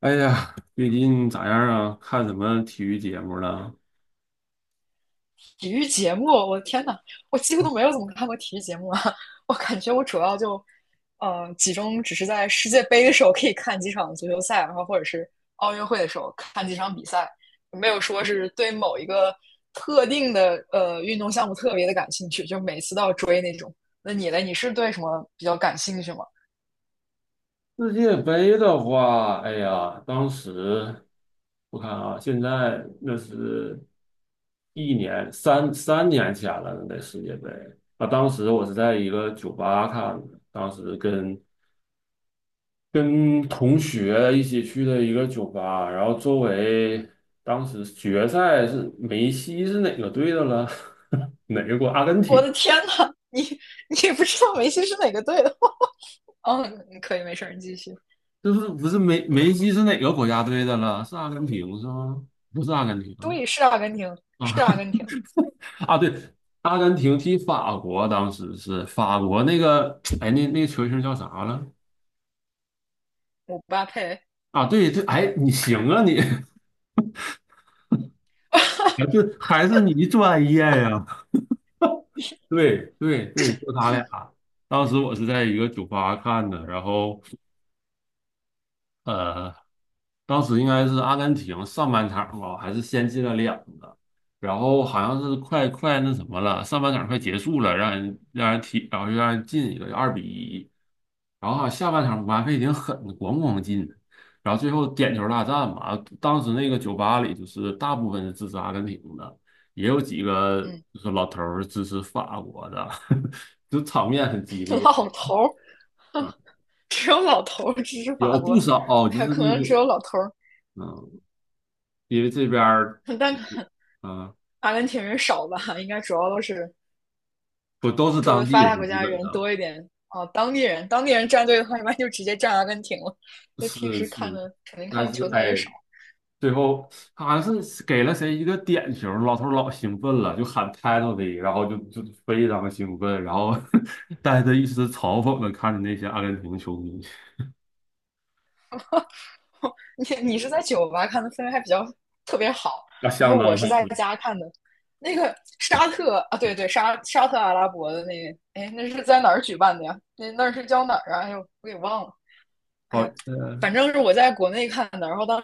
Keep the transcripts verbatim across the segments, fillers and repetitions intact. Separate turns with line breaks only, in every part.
哎呀，最近咋样啊？看什么体育节目了？
体育节目，我的天呐，我几乎都没有怎么看过体育节目啊！我感觉我主要就，呃，集中只是在世界杯的时候可以看几场足球赛，然后或者是奥运会的时候看几场比赛，没有说是对某一个特定的呃运动项目特别的感兴趣，就每次都要追那种。那你呢？你是对什么比较感兴趣吗？
世界杯的话，哎呀，当时我看啊，现在那是一年三三年前了，那世界杯啊，当时我是在一个酒吧看的，当时跟跟同学一起去的一个酒吧，然后周围当时决赛是梅西是哪个队的了？哪个国？阿根
我
廷。
的天呐，你你也不知道梅西是哪个队的？嗯，可以，没事你继续。
就是不是梅梅西是哪个国家队的了？是阿根廷是吗？不是阿根廷啊
对，是阿根廷，
啊
是阿 根廷，
啊！对，阿根廷踢法国，当时是法国那个哎，那那球星叫啥了？
姆巴佩。
啊，对对，哎，你行啊你，啊对，还是你专业呀？对对对，就他俩。当时我是在一个酒吧看的，然后呃，当时应该是阿根廷上半场吧，还是先进了两个，然后好像是快快那什么了，上半场快结束了，让人让人踢，然后又让人进一个二比一，然后好像下半场姆巴佩挺狠的，咣咣进，然后最后点球大战嘛，当时那个酒吧里就是大部分是支持阿根廷的，也有几个
嗯。
就是老头儿支持法国的，就场面很激烈，
老头儿，只有老头儿支持法
有
国，
不少就
哎
是
呀，可
那
能只
种。
有老头儿，
嗯，因为这边儿
但
啊，
阿根廷人少吧，应该主要都是
不都是
住的
当地
发达
人，
国
基
家
本
人
上
多一点。哦，当地人，当地人站队的话，一般就直接站阿根廷了，因为平
是
时看
是，
的肯定
但
看的
是
球赛也
哎，
少。
最后好像是给了谁一个点球，老头儿老兴奋了，就喊 t i t l e 的，然后就就非常兴奋，然后 带着一丝嘲讽的看着那些阿根廷球迷，
你你是在酒吧看的，氛围还比较特别好，
那
然后
相
我
当好。
是在家看的。那个沙特啊，对对，沙沙特阿拉伯的那个，哎，那是在哪儿举办的呀？那那是叫哪儿啊？哎呦，我给忘了。哎
好，
呀，
呃，
反正是我在国内看的，然后当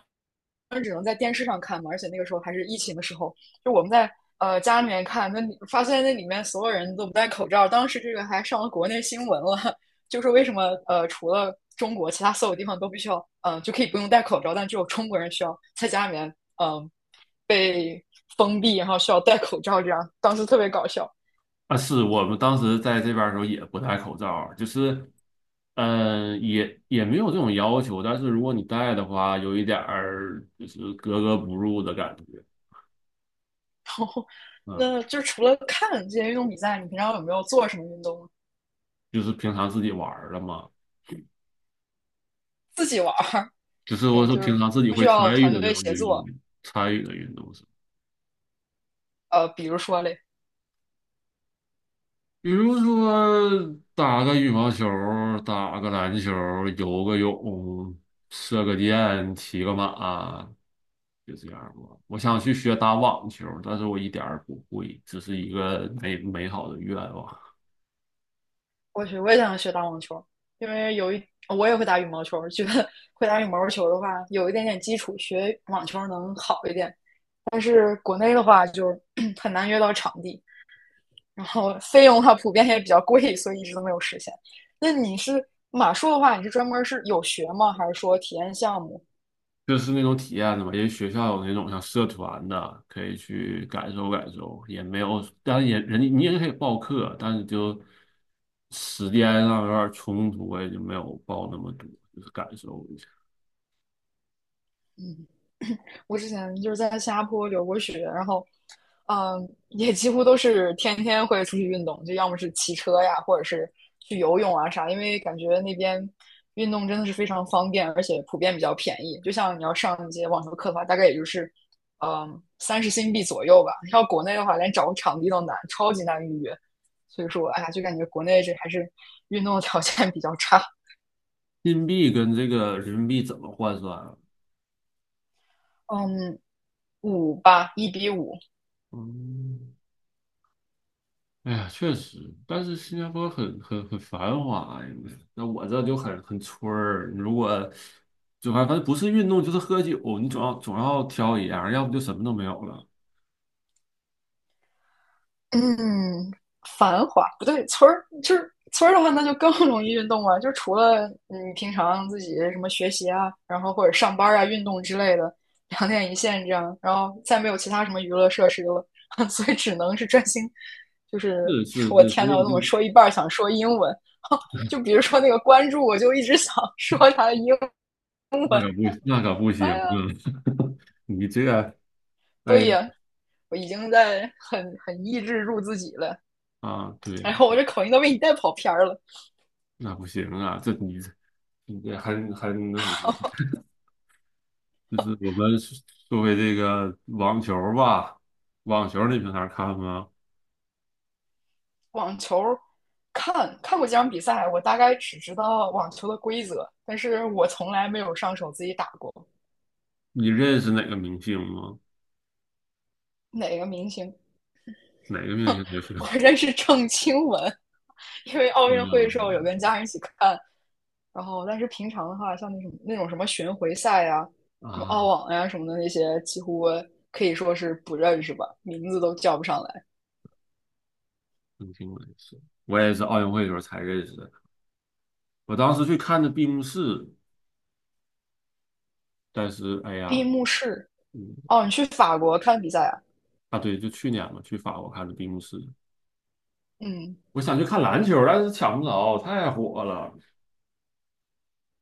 时只能在电视上看嘛，而且那个时候还是疫情的时候，就我们在呃家里面看，那你发现那里面所有人都不戴口罩，当时这个还上了国内新闻了，就是为什么呃除了中国，其他所有地方都必须要呃就可以不用戴口罩，但只有中国人需要在家里面嗯、呃、被封闭，然后需要戴口罩，这样当时特别搞笑。
啊，是我们当时在这边儿的时候也不戴口罩儿，就是嗯，也也没有这种要求，但是如果你带的话，有一点儿就是格格不入的感觉。嗯，
那就除了看这些运动比赛，你平常有没有做什么运动？
就是平常自己玩儿的嘛，
自己玩儿，
就是
什
我
么？
说
就
平
是
常自己
不需
会参
要
与
团
的这
队
种
协
运动，
作。
参与的运动是，
呃，比如说嘞，
比如说打个羽毛球儿打个篮球儿游个泳，射个箭，骑个马，就这样儿吧。我想去学打网球儿但是我一点儿不会，只是一个美美好的愿望。
我去，我也想学打网球，因为有一我也会打羽毛球，觉得会打羽毛球的话，有一点点基础，学网球能好一点。但是国内的话，就 很难约到场地，然后费用的话普遍也比较贵，所以一直都没有实现。那你是马术的话，你是专门是有学吗？还是说体验项目？
就是那种体验的嘛，因为学校有那种像社团的，可以去感受感受，也没有，当然也人家你也可以报课，但是就时间上有点冲突，我也就没有报那么多，就是感受一下。
嗯，我之前就是在新加坡留过学，然后，嗯，也几乎都是天天会出去运动，就要么是骑车呀，或者是去游泳啊啥，因为感觉那边运动真的是非常方便，而且普遍比较便宜。就像你要上一节网球课的话，大概也就是，嗯，三十新币左右吧。要国内的话，连找个场地都难，超级难预约。所以说，哎呀，就感觉国内这还是运动的条件比较差。
硬币跟这个人民币怎么换算啊？
嗯，五吧，一比五。
嗯，哎呀，确实，但是新加坡很很很繁华呀，那我这就很很村儿。如果就反正反正不是运动就是喝酒，你总要总要挑一样，要不就什么都没有了。
嗯，繁华不对，村儿就是村儿的话，那就更容易运动了。就除了你平常自己什么学习啊，然后或者上班啊、运动之类的，两点一线这样，然后再没有其他什么娱乐设施了，所以只能是专心。就是
是是
我
是，
天
所
呐，我
以
怎么
这
说一半儿想说英文？就比如说那个关注，我就一直想 说他的英文。
那可不那可不行
哎
啊！
呀，
你这个
所
哎
以啊我已经在很很抑制住自己了。
啊，对
然
了，
后我这口音都被你带跑偏儿了。
那不行啊，这你这你这很很那什么，就是我们作为这个网球吧，网球你平常看吗？
网球，看看过几场比赛，我大概只知道网球的规则，但是我从来没有上手自己打过。
你认识哪个明星吗？
哪个明星？
哪个明星就行。
我认识郑钦文，因为奥
没有
运会的时
没
候有跟
有
家人一起看，然后但是平常的话，像那什么那种什么巡回赛呀、什么
啊，
澳网呀、啊什么的那些，几乎可以说是不认识吧，名字都叫不上来。
明星我也是，我也是奥运会的时候才认识的。我当时去看的闭幕式，但是哎
闭
呀，
幕式。
嗯
哦，你去法国看比赛啊？
啊对，就去年嘛，去法国看的闭幕式。
嗯，
我想去看篮球，但是抢不着，太火了。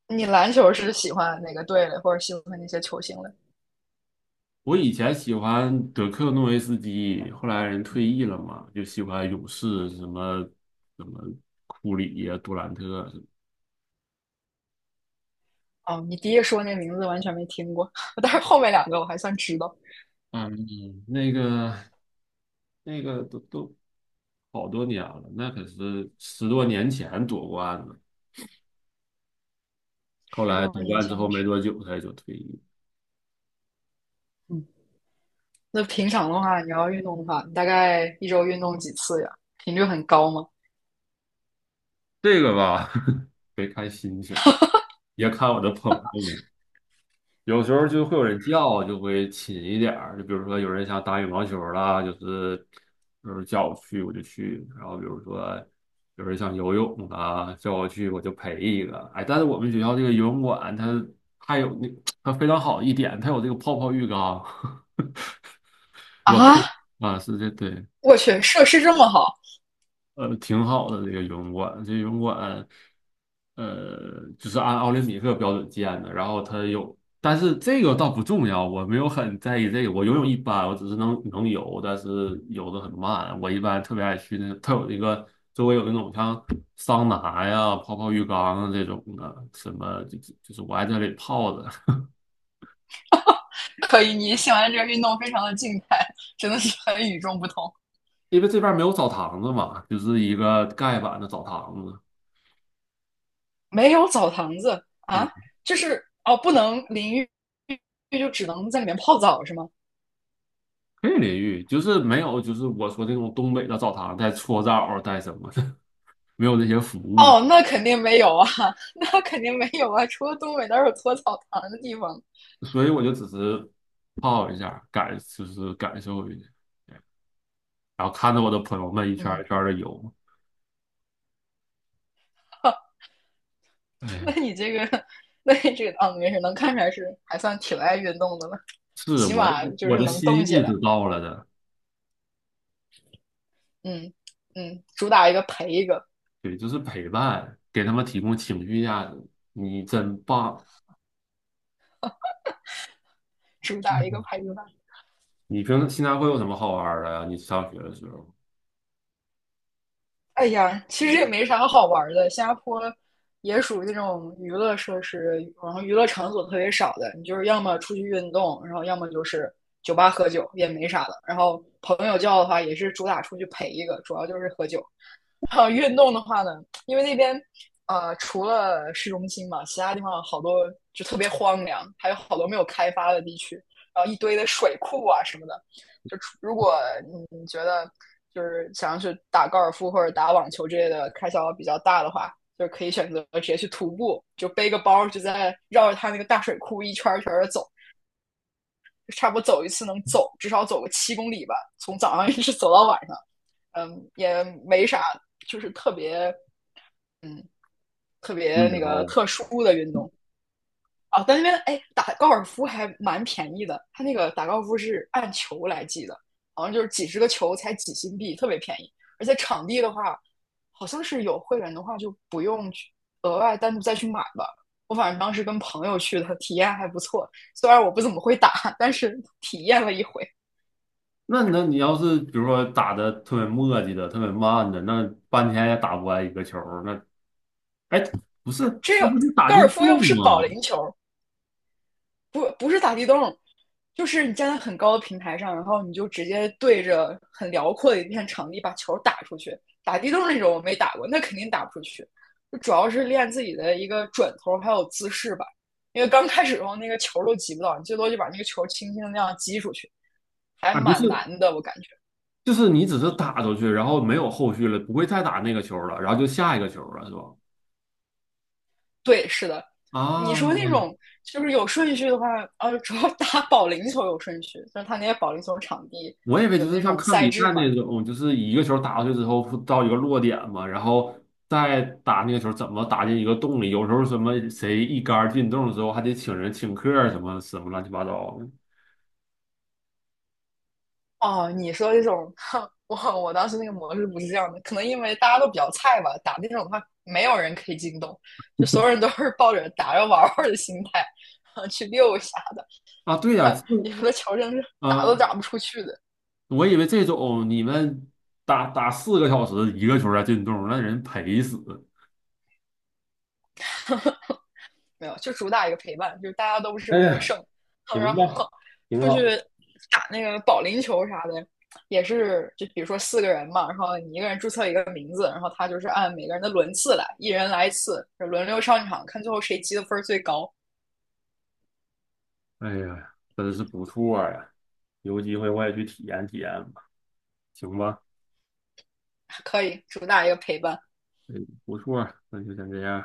你篮球是喜欢哪个队的，或者喜欢那些球星的？
我以前喜欢德克诺维斯基，后来人退役了嘛，就喜欢勇士什么什么库里呀、杜兰特啊什么。
哦，你第一说那名字完全没听过，但是后面两个我还算知道，
嗯，那个那个都都好多年了，那可是十多年前夺冠的，后
十
来
多
夺
年
冠之
前
后
我
没
去。
多久他也就退役。
嗯，那平常的话，你要运动的话，你大概一周运动几次呀？频率很高吗？
这个吧，别看心情，也看我的朋友们。有时候就会有人叫，就会勤一点儿。就比如说有人想打羽毛球儿啦，就是就是叫我去我就去。然后比如说有人想游泳啊，叫我去我就陪一个。哎，但是我们学校这个游泳馆它还有那它非常好一点，它有这个泡泡浴缸。我可
啊，
以啊，是这对。
我去，设施这么好，
呃，挺好的这个游泳馆，这游泳馆，呃，就是按奥林匹克标准建的。然后它有，但是这个倒不重要，我没有很在意这个。我游泳一般，我只是能能游，但是游的很慢。我一般特别爱去那个，它有一个周围有那种像桑拿呀、泡泡浴缸啊这种的，什么就就是我爱在这里泡着，
可以，你喜欢这个运动非常的静态，真的是很与众不同。
因为这边没有澡堂子嘛，就是一个盖板的澡堂子。
没有澡堂子
嗯。
啊，就是哦，不能淋浴，就只能在里面泡澡是吗？
可以淋浴，就是没有，就是我说那种东北的澡堂带搓澡带什么的，没有这些服务，
哦，那肯定没有啊，那肯定没有啊，除了东北哪有搓澡堂的地方？
所以我就只是泡一下，感就是感受一下，对，然后看着我的朋友们一圈儿
嗯，
一圈的游，哎
那你这个，那你这个啊，没事，能看出来是还算挺爱运动的了，
是
起
我的
码就
我
是
的
能
心
动起
意
来。
是到了的，
嗯嗯，主打一个陪一个，
对，就是陪伴，给他们提供情绪价值，你真棒。
主打一个
哎，
陪一个。
你平时现在会有什么好玩儿的呀？你上学的时候
哎呀，其实也没啥好玩的。新加坡也属于那种娱乐设施，然后娱乐场所特别少的。你就是要么出去运动，然后要么就是酒吧喝酒，也没啥的。然后朋友叫的话，也是主打出去陪一个，主要就是喝酒。然后运动的话呢，因为那边呃除了市中心嘛，其他地方好多就特别荒凉，还有好多没有开发的地区，然后一堆的水库啊什么的。就如果你觉得就是想要去打高尔夫或者打网球之类的开销比较大的话，就可以选择直接去徒步，就背个包，就在绕着它那个大水库一圈一圈的走，就差不多走一次能走至少走个七公里吧，从早上一直走到晚上。嗯，也没啥，就是特别嗯特
无
别那
聊
个特殊的运动，啊，但那边哎打高尔夫还蛮便宜的，他那个打高尔夫是按球来计的，好像就是几十个球才几新币，特别便宜。而且场地的话，好像是有会员的话就不用去额外单独再去买吧。我反正当时跟朋友去的，体验还不错。虽然我不怎么会打，但是体验了一回。
那那你要是比如说打的特别磨叽的、特别慢的，那半天也打不完一个球儿。那哎，不是，
这
那
个
不是打
高尔
进
夫又
洞
不是保
吗？
龄球，不不是打地洞，就是你站在很高的平台上，然后你就直接对着很辽阔的一片场地把球打出去。打地洞那种我没打过，那肯定打不出去。就主要是练自己的一个转头还有姿势吧，因为刚开始的时候那个球都击不到，你最多就把那个球轻轻的那样击出去，还
啊，不
蛮难
是，
的，我感觉。
就是你只是打出去，然后没有后续了，不会再打那个球儿了，然后就下一个球儿了，是吧？
对，是的。你说那
啊，
种就是有顺序的话，呃、啊，主要打保龄球有顺序，就是他那些保龄球场地
我以为
有
就是
那
像
种
看
赛
比
制
赛
嘛，
那种，就是一个球打过去之后不到一个落点嘛，然后再打那个球怎么打进一个洞里？有时候什么谁一杆儿进洞之后，还得请人请客儿什么什么乱七八糟的
哦，你说这种，我我当时那个模式不是这样的，可能因为大家都比较菜吧，打那种的话，没有人可以进洞，就所有人都是抱着打着玩玩的心态，啊，去溜一下
啊。对呀、
的，
这。
有的球真是打
啊，呃
都打不出去的。
我以为这种你们打打四个小时一个球才进洞，那人赔死。
没有，就主打一个陪伴，就是大家都不是
哎
为了
呀，
胜，然
行吧，
后
挺
出
好。
去打那个保龄球啥的，也是就比如说四个人嘛，然后你一个人注册一个名字，然后他就是按每个人的轮次来，一人来一次，轮流上场，看最后谁积的分最高。
哎呀，真是不错呀！有机会我也去体验体验吧，行吧？
可以主打一个陪伴，
哎，不错，那就先这样。